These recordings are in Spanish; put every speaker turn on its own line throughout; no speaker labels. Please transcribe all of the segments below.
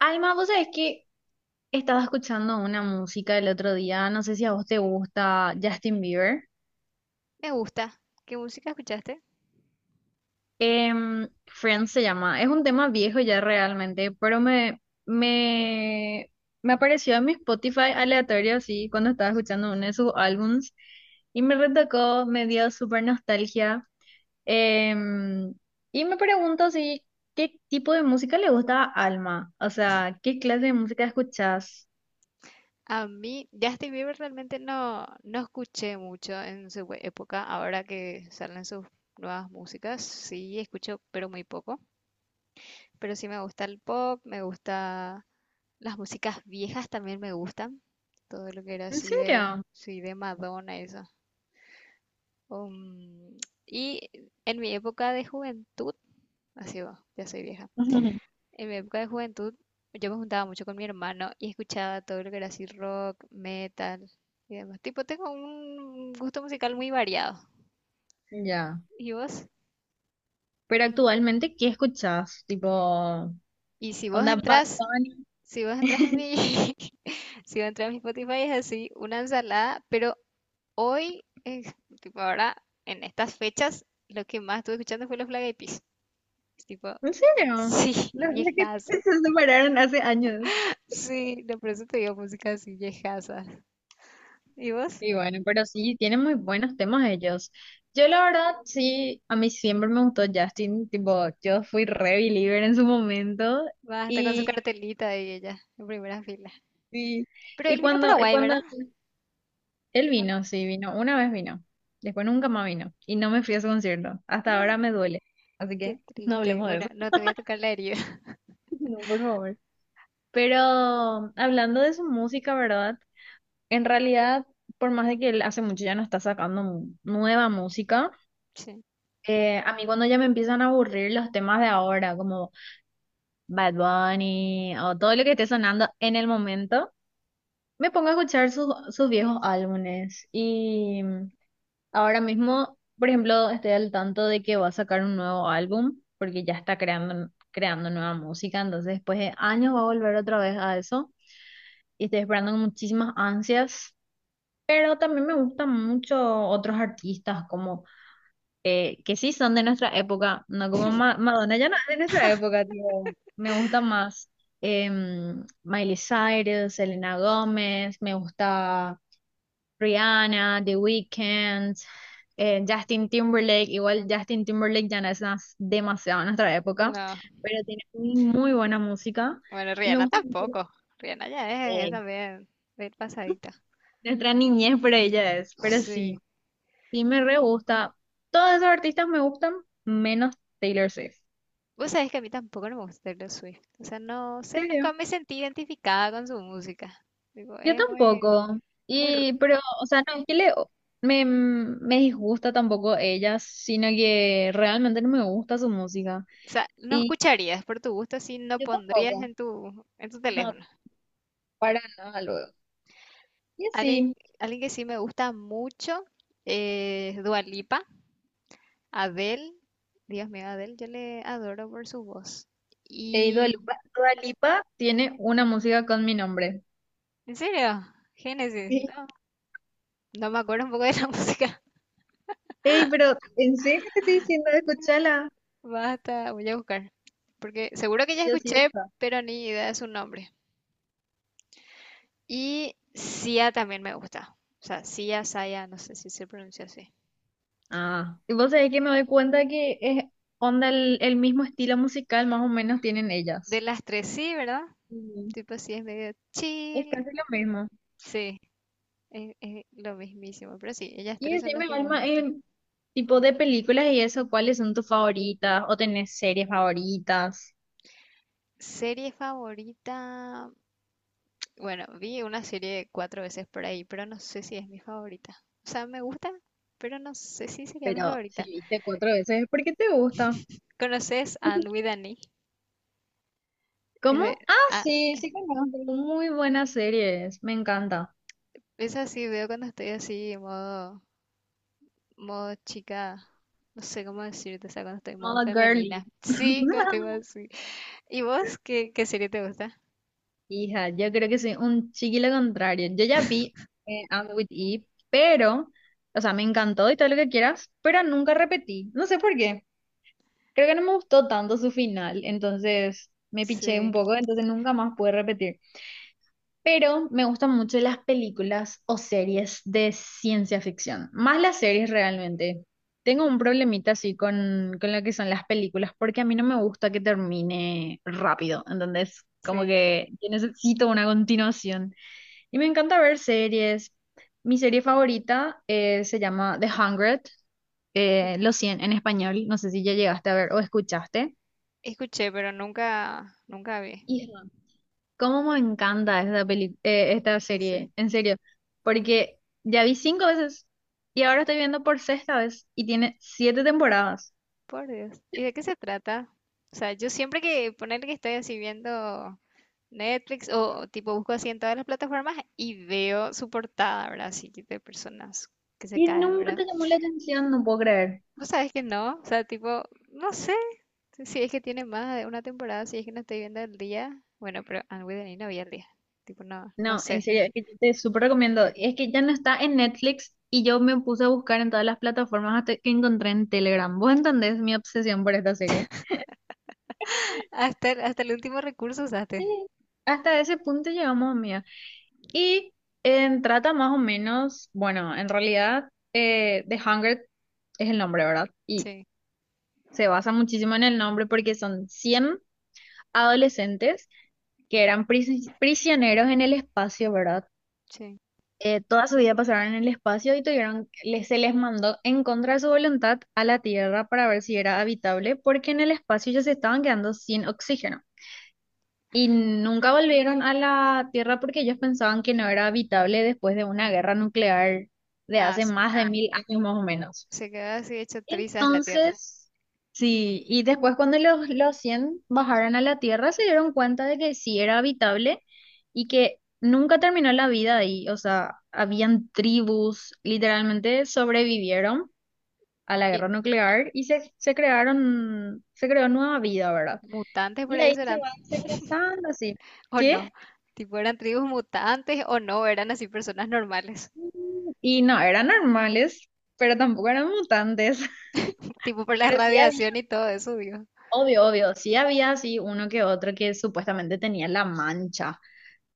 Alma, vos sabés que estaba escuchando una música el otro día, no sé si a vos te gusta Justin Bieber.
Me gusta. ¿Qué música escuchaste?
Friends se llama, es un tema viejo ya realmente, pero me apareció en mi Spotify aleatorio así cuando estaba escuchando uno de sus álbums y me retocó, me dio súper nostalgia. Em, y me pregunto si, ¿qué tipo de música le gusta a Alma? O sea, ¿qué clase de música escuchás?
A mí, Justin Bieber realmente no, no escuché mucho en su época. Ahora que salen sus nuevas músicas, sí escucho, pero muy poco. Pero sí me gusta el pop, me gusta las músicas viejas también me gustan. Todo lo que era
¿En
así de,
serio?
sí, de Madonna, eso. Um, y en mi época de juventud, así va, ya soy vieja. En mi época de juventud, yo me juntaba mucho con mi hermano y escuchaba todo lo que era así rock, metal y demás. Tipo, tengo un gusto musical muy variado.
Ya.
¿Y vos?
Pero actualmente, ¿qué escuchás? Tipo,
Y si vos
onda Bad
entras,
Bunny.
si vos entras en mi, Si vos entras en mi Spotify es así, una ensalada, pero hoy, tipo ahora, en estas fechas, lo que más estuve escuchando fue los Black Eyed Peas. Es tipo,
¿En serio?
sí,
No sé que
viejazo.
se separaron hace años.
Sí, no, por eso te digo música así, viejazas. ¿Y vos?
Y bueno, pero sí, tienen muy buenos temas ellos. Yo la verdad, sí, a mí siempre me gustó Justin, tipo, yo fui re believer en su momento
Va, está con su
y,
cartelita y ella, en primera fila.
y,
Pero
y
él vino a
cuando, y
Paraguay,
cuando
¿verdad?
él
¿O no?
vino, sí, vino, una vez vino, después nunca más vino y no me fui a su concierto, hasta
Eh,
ahora me duele, así
qué
que no
triste.
hablemos de
Bueno,
eso.
no te voy a tocar la herida.
No, por favor. Pero hablando de su música, ¿verdad? En realidad, por más de que él hace mucho ya no está sacando nueva música,
Sí.
a mí cuando ya me empiezan a aburrir los temas de ahora, como Bad Bunny o todo lo que esté sonando en el momento, me pongo a escuchar sus viejos álbumes. Y ahora mismo, por ejemplo, estoy al tanto de que va a sacar un nuevo álbum, porque ya está creando nueva música, entonces después de años va a volver otra vez a eso. Y estoy esperando con muchísimas ansias, pero también me gustan mucho otros artistas como que sí son de nuestra época, no como Madonna, ya no es de nuestra época, tipo, me gusta más Miley Cyrus, Selena Gómez, me gusta Rihanna, The Weeknd, Justin Timberlake, igual Justin Timberlake ya no es demasiado en nuestra época,
No.
pero tiene muy, muy buena música
Bueno,
y me
Rihanna
gusta mucho.
tampoco. Rihanna ya es
eh,
también bien pasadita.
Nuestra niñez, para ella es. Pero sí,
Sí.
sí me re gusta. Todos esos artistas me gustan, menos Taylor Swift.
Vos sabés que a mí tampoco no me gusta Taylor Swift. O sea, no
¿En
sé,
serio?
nunca me sentí identificada con su música. Digo,
Yo
es muy,
tampoco.
muy,
Y, pero, o sea, no es que le, me disgusta tampoco ella, sino que realmente no me gusta su música.
o sea, no
Y
escucharías por tu gusto si no
yo
pondrías
tampoco.
en tu
No,
teléfono.
para nada luego. Y
Alguien,
así,
alguien que sí me gusta mucho es Dua Lipa, Adele. Dios mío, Adele, yo le adoro por su voz.
Dua
Y
Lipa, Dua Lipa tiene una música con mi nombre.
¿en serio? Génesis,
Sí.
no, no me acuerdo un poco de la música.
Ey, pero ¿en serio te estoy diciendo? Escúchala.
Basta, voy a buscar. Porque seguro que ya
Yo sí
escuché,
gusta.
pero ni idea de su nombre. Y Sia también me gusta. O sea, Sia, Saya, no sé si se pronuncia así.
Ah, y vos sabés que me doy cuenta que es onda el mismo estilo musical, más o menos tienen
De
ellas.
las tres sí, ¿verdad?
Mm.
Tipo, sí, es medio
Es
chill.
casi lo mismo.
Sí. Es lo mismísimo, pero sí, ellas
Y
tres son las
decime,
que más
Alma,
gustan.
en tipo de películas y eso, ¿cuáles son tus favoritas? ¿O tenés series favoritas?
Serie favorita, bueno, vi una serie cuatro veces por ahí, pero no sé si es mi favorita. O sea, me gusta, pero no sé si sería mi
Pero si
favorita.
viste cuatro veces, ¿por qué te gusta?
¿Conoces And with an E? Es
¿Cómo?
de-
Ah,
ah,
sí, sí conozco. Muy buenas series, me encanta.
esa sí veo cuando estoy así, en modo, modo chica, no sé cómo decirte, o sea, cuando estoy en modo
Moda Girly.
femenina. Sí, cuando estoy modo así. ¿Y vos qué, qué serie te gusta?
Hija, yo creo que soy un chiquillo contrario. Yo ya vi Anne with Eve, pero, o sea, me encantó y todo lo que quieras, pero nunca repetí. No sé por qué. Creo que no me gustó tanto su final, entonces me piché un
Sí,
poco, entonces nunca más pude repetir. Pero me gustan mucho las películas o series de ciencia ficción, más las series realmente. Tengo un problemita así con lo que son las películas, porque a mí no me gusta que termine rápido, entonces como
sí.
que yo necesito una continuación. Y me encanta ver series. Mi serie favorita se llama The Hundred, Los 100 en español, no sé si ya llegaste a ver o escuchaste.
Escuché, pero nunca, nunca vi.
Y cómo me encanta esta esta
Sí,
serie, en serio, porque ya vi 5 veces y ahora estoy viendo por sexta vez y tiene 7 temporadas
por Dios. ¿Y de qué se trata? O sea, yo siempre que poner que estoy así viendo Netflix o tipo busco así en todas las plataformas y veo su portada, ¿verdad? Así que de personas que se
y
caen,
nunca
¿verdad?
te llamó la atención, no puedo creer.
O sabes que no, o sea, tipo, no sé si es que tiene más de una temporada, si es que no estoy viendo el día. Bueno, pero Anne with an E no vi el día. Tipo, no, no
No, en
sé.
serio, es que yo te súper recomiendo. Es que ya no está en Netflix y yo me puse a buscar en todas las plataformas hasta que encontré en Telegram. ¿Vos entendés mi obsesión por esta serie?
Hasta, hasta el último recurso
Sí,
usaste.
hasta ese punto llegamos. Y trata más o menos, bueno, en realidad The Hunger es el nombre, ¿verdad? Y
Sí,
se basa muchísimo en el nombre porque son 100 adolescentes que eran prisioneros en el espacio, ¿verdad?
sí.
Toda su vida pasaron en el espacio y tuvieron, les, se les mandó en contra de su voluntad a la Tierra para ver si era habitable porque en el espacio ya se estaban quedando sin oxígeno. Y nunca volvieron a la Tierra porque ellos pensaban que no era habitable después de una guerra nuclear de
Ah,
hace
sí.
más de 1000 años más o menos.
Se quedó así hecho trizas la tierra.
Entonces, sí, y después cuando los 100 bajaron a la Tierra se dieron cuenta de que sí era habitable y que nunca terminó la vida ahí. O sea, habían tribus, literalmente sobrevivieron a la
Y
guerra nuclear y se crearon, se creó nueva vida, ¿verdad?
mutantes por
Y
ahí
ahí se
serán.
van segregando así.
O
¿Qué?
no. Tipo, eran tribus mutantes o no, eran así personas normales.
Y no eran normales, pero tampoco eran mutantes.
Tipo, por la
Pero sí
radiación
había,
y todo eso, digo,
obvio, obvio, sí había así uno que otro que supuestamente tenía la mancha.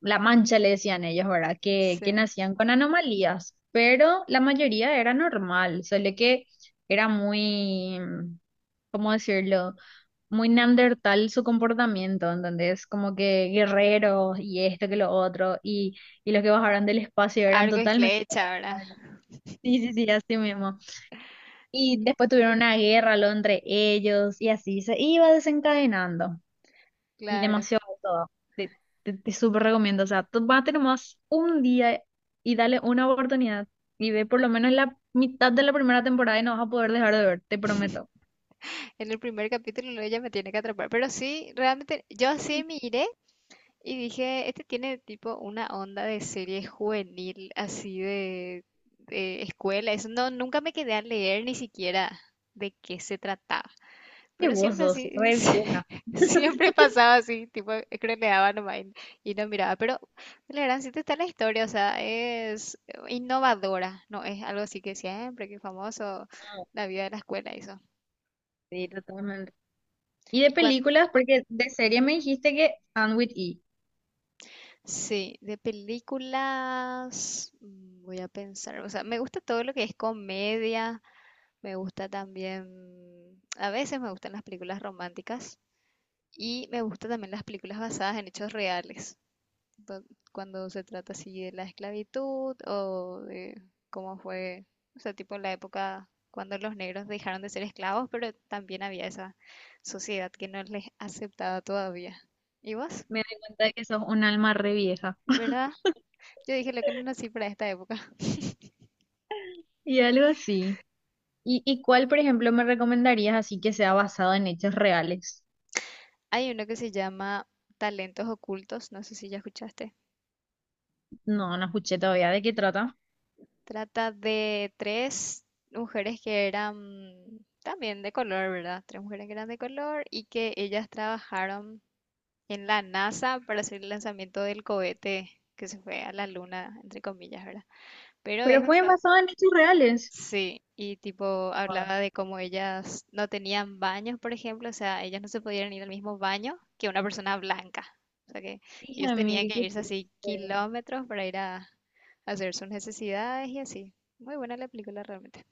La mancha le decían ellos, ¿verdad? Que
sí.
nacían con anomalías, pero la mayoría era normal, solo que era muy, ¿cómo decirlo? Muy neandertal su comportamiento, entonces como que guerreros y esto que lo otro, y los que bajaron del espacio eran
Arco y
totalmente...
flecha, ¿verdad?
Sí, sí, sí, así mismo. Y después tuvieron una guerra lo entre ellos y así se iba desencadenando. Y
Claro.
demasiado todo. Te, te súper recomiendo. O sea, tú vas a tener más un día y dale una oportunidad. Y ve por lo menos la mitad de la primera temporada y no vas a poder dejar de ver, te prometo.
En el primer capítulo luego ella me tiene que atrapar. Pero sí, realmente, yo así miré y dije, este tiene tipo una onda de serie juvenil, así de escuela. Eso no, nunca me quedé a leer ni siquiera de qué se trataba.
Y
Pero
vos
siempre
sos
así,
re vieja.
siempre pasaba así, tipo, creneaba nomás y no miraba. Pero la gran sí está la historia, o sea, es innovadora, no es algo así que siempre, que famoso,
No,
la vida de la escuela, eso.
sí, totalmente. Y de
Y cuan-
películas, porque de serie me dijiste que Anne with E.
sí, de películas, mm, voy a pensar, o sea, me gusta todo lo que es comedia, me gusta también, a veces me gustan las películas románticas y me gustan también las películas basadas en hechos reales. do- Cuando se trata así de la esclavitud o de cómo fue, o sea, tipo la época cuando los negros dejaron de ser esclavos, pero también había esa sociedad que no les aceptaba todavía. ¿Y vos?
Me di cuenta de que sos un alma re vieja.
¿Verdad? Yo dije lo que no nací para esta época.
Y algo así. Y cuál, por ejemplo, me recomendarías así que sea basado en hechos reales?
Hay uno que se llama Talentos Ocultos, no sé si ya escuchaste.
No, no escuché todavía de qué trata.
Trata de 3 mujeres que eran también de color, ¿verdad? 3 mujeres que eran de color y que ellas trabajaron en la NASA para hacer el lanzamiento del cohete que se fue a la luna, entre comillas, ¿verdad? Pero es
Pero fue
basado,
basado en hechos reales.
sí, y tipo
Wow.
hablaba de cómo ellas no tenían baños, por ejemplo, o sea, ellas no se podían ir al mismo baño que una persona blanca, o sea que ellos
Hija
tenían
mil,
que
qué
irse así
triste.
kilómetros para ir a hacer sus necesidades y así. Muy buena la película realmente.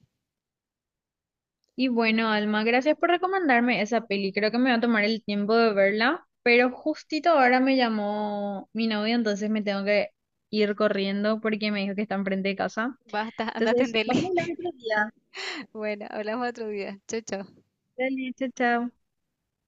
Y bueno, Alma, gracias por recomendarme esa peli. Creo que me va a tomar el tiempo de verla, pero justito ahora me llamó mi novio, entonces me tengo que ir corriendo porque me dijo que está enfrente de casa.
Basta, anda a
Entonces, vamos
atenderle.
a hablar otro día.
Bueno, hablamos otro día. Chau, chau.
Dale, chao, chao.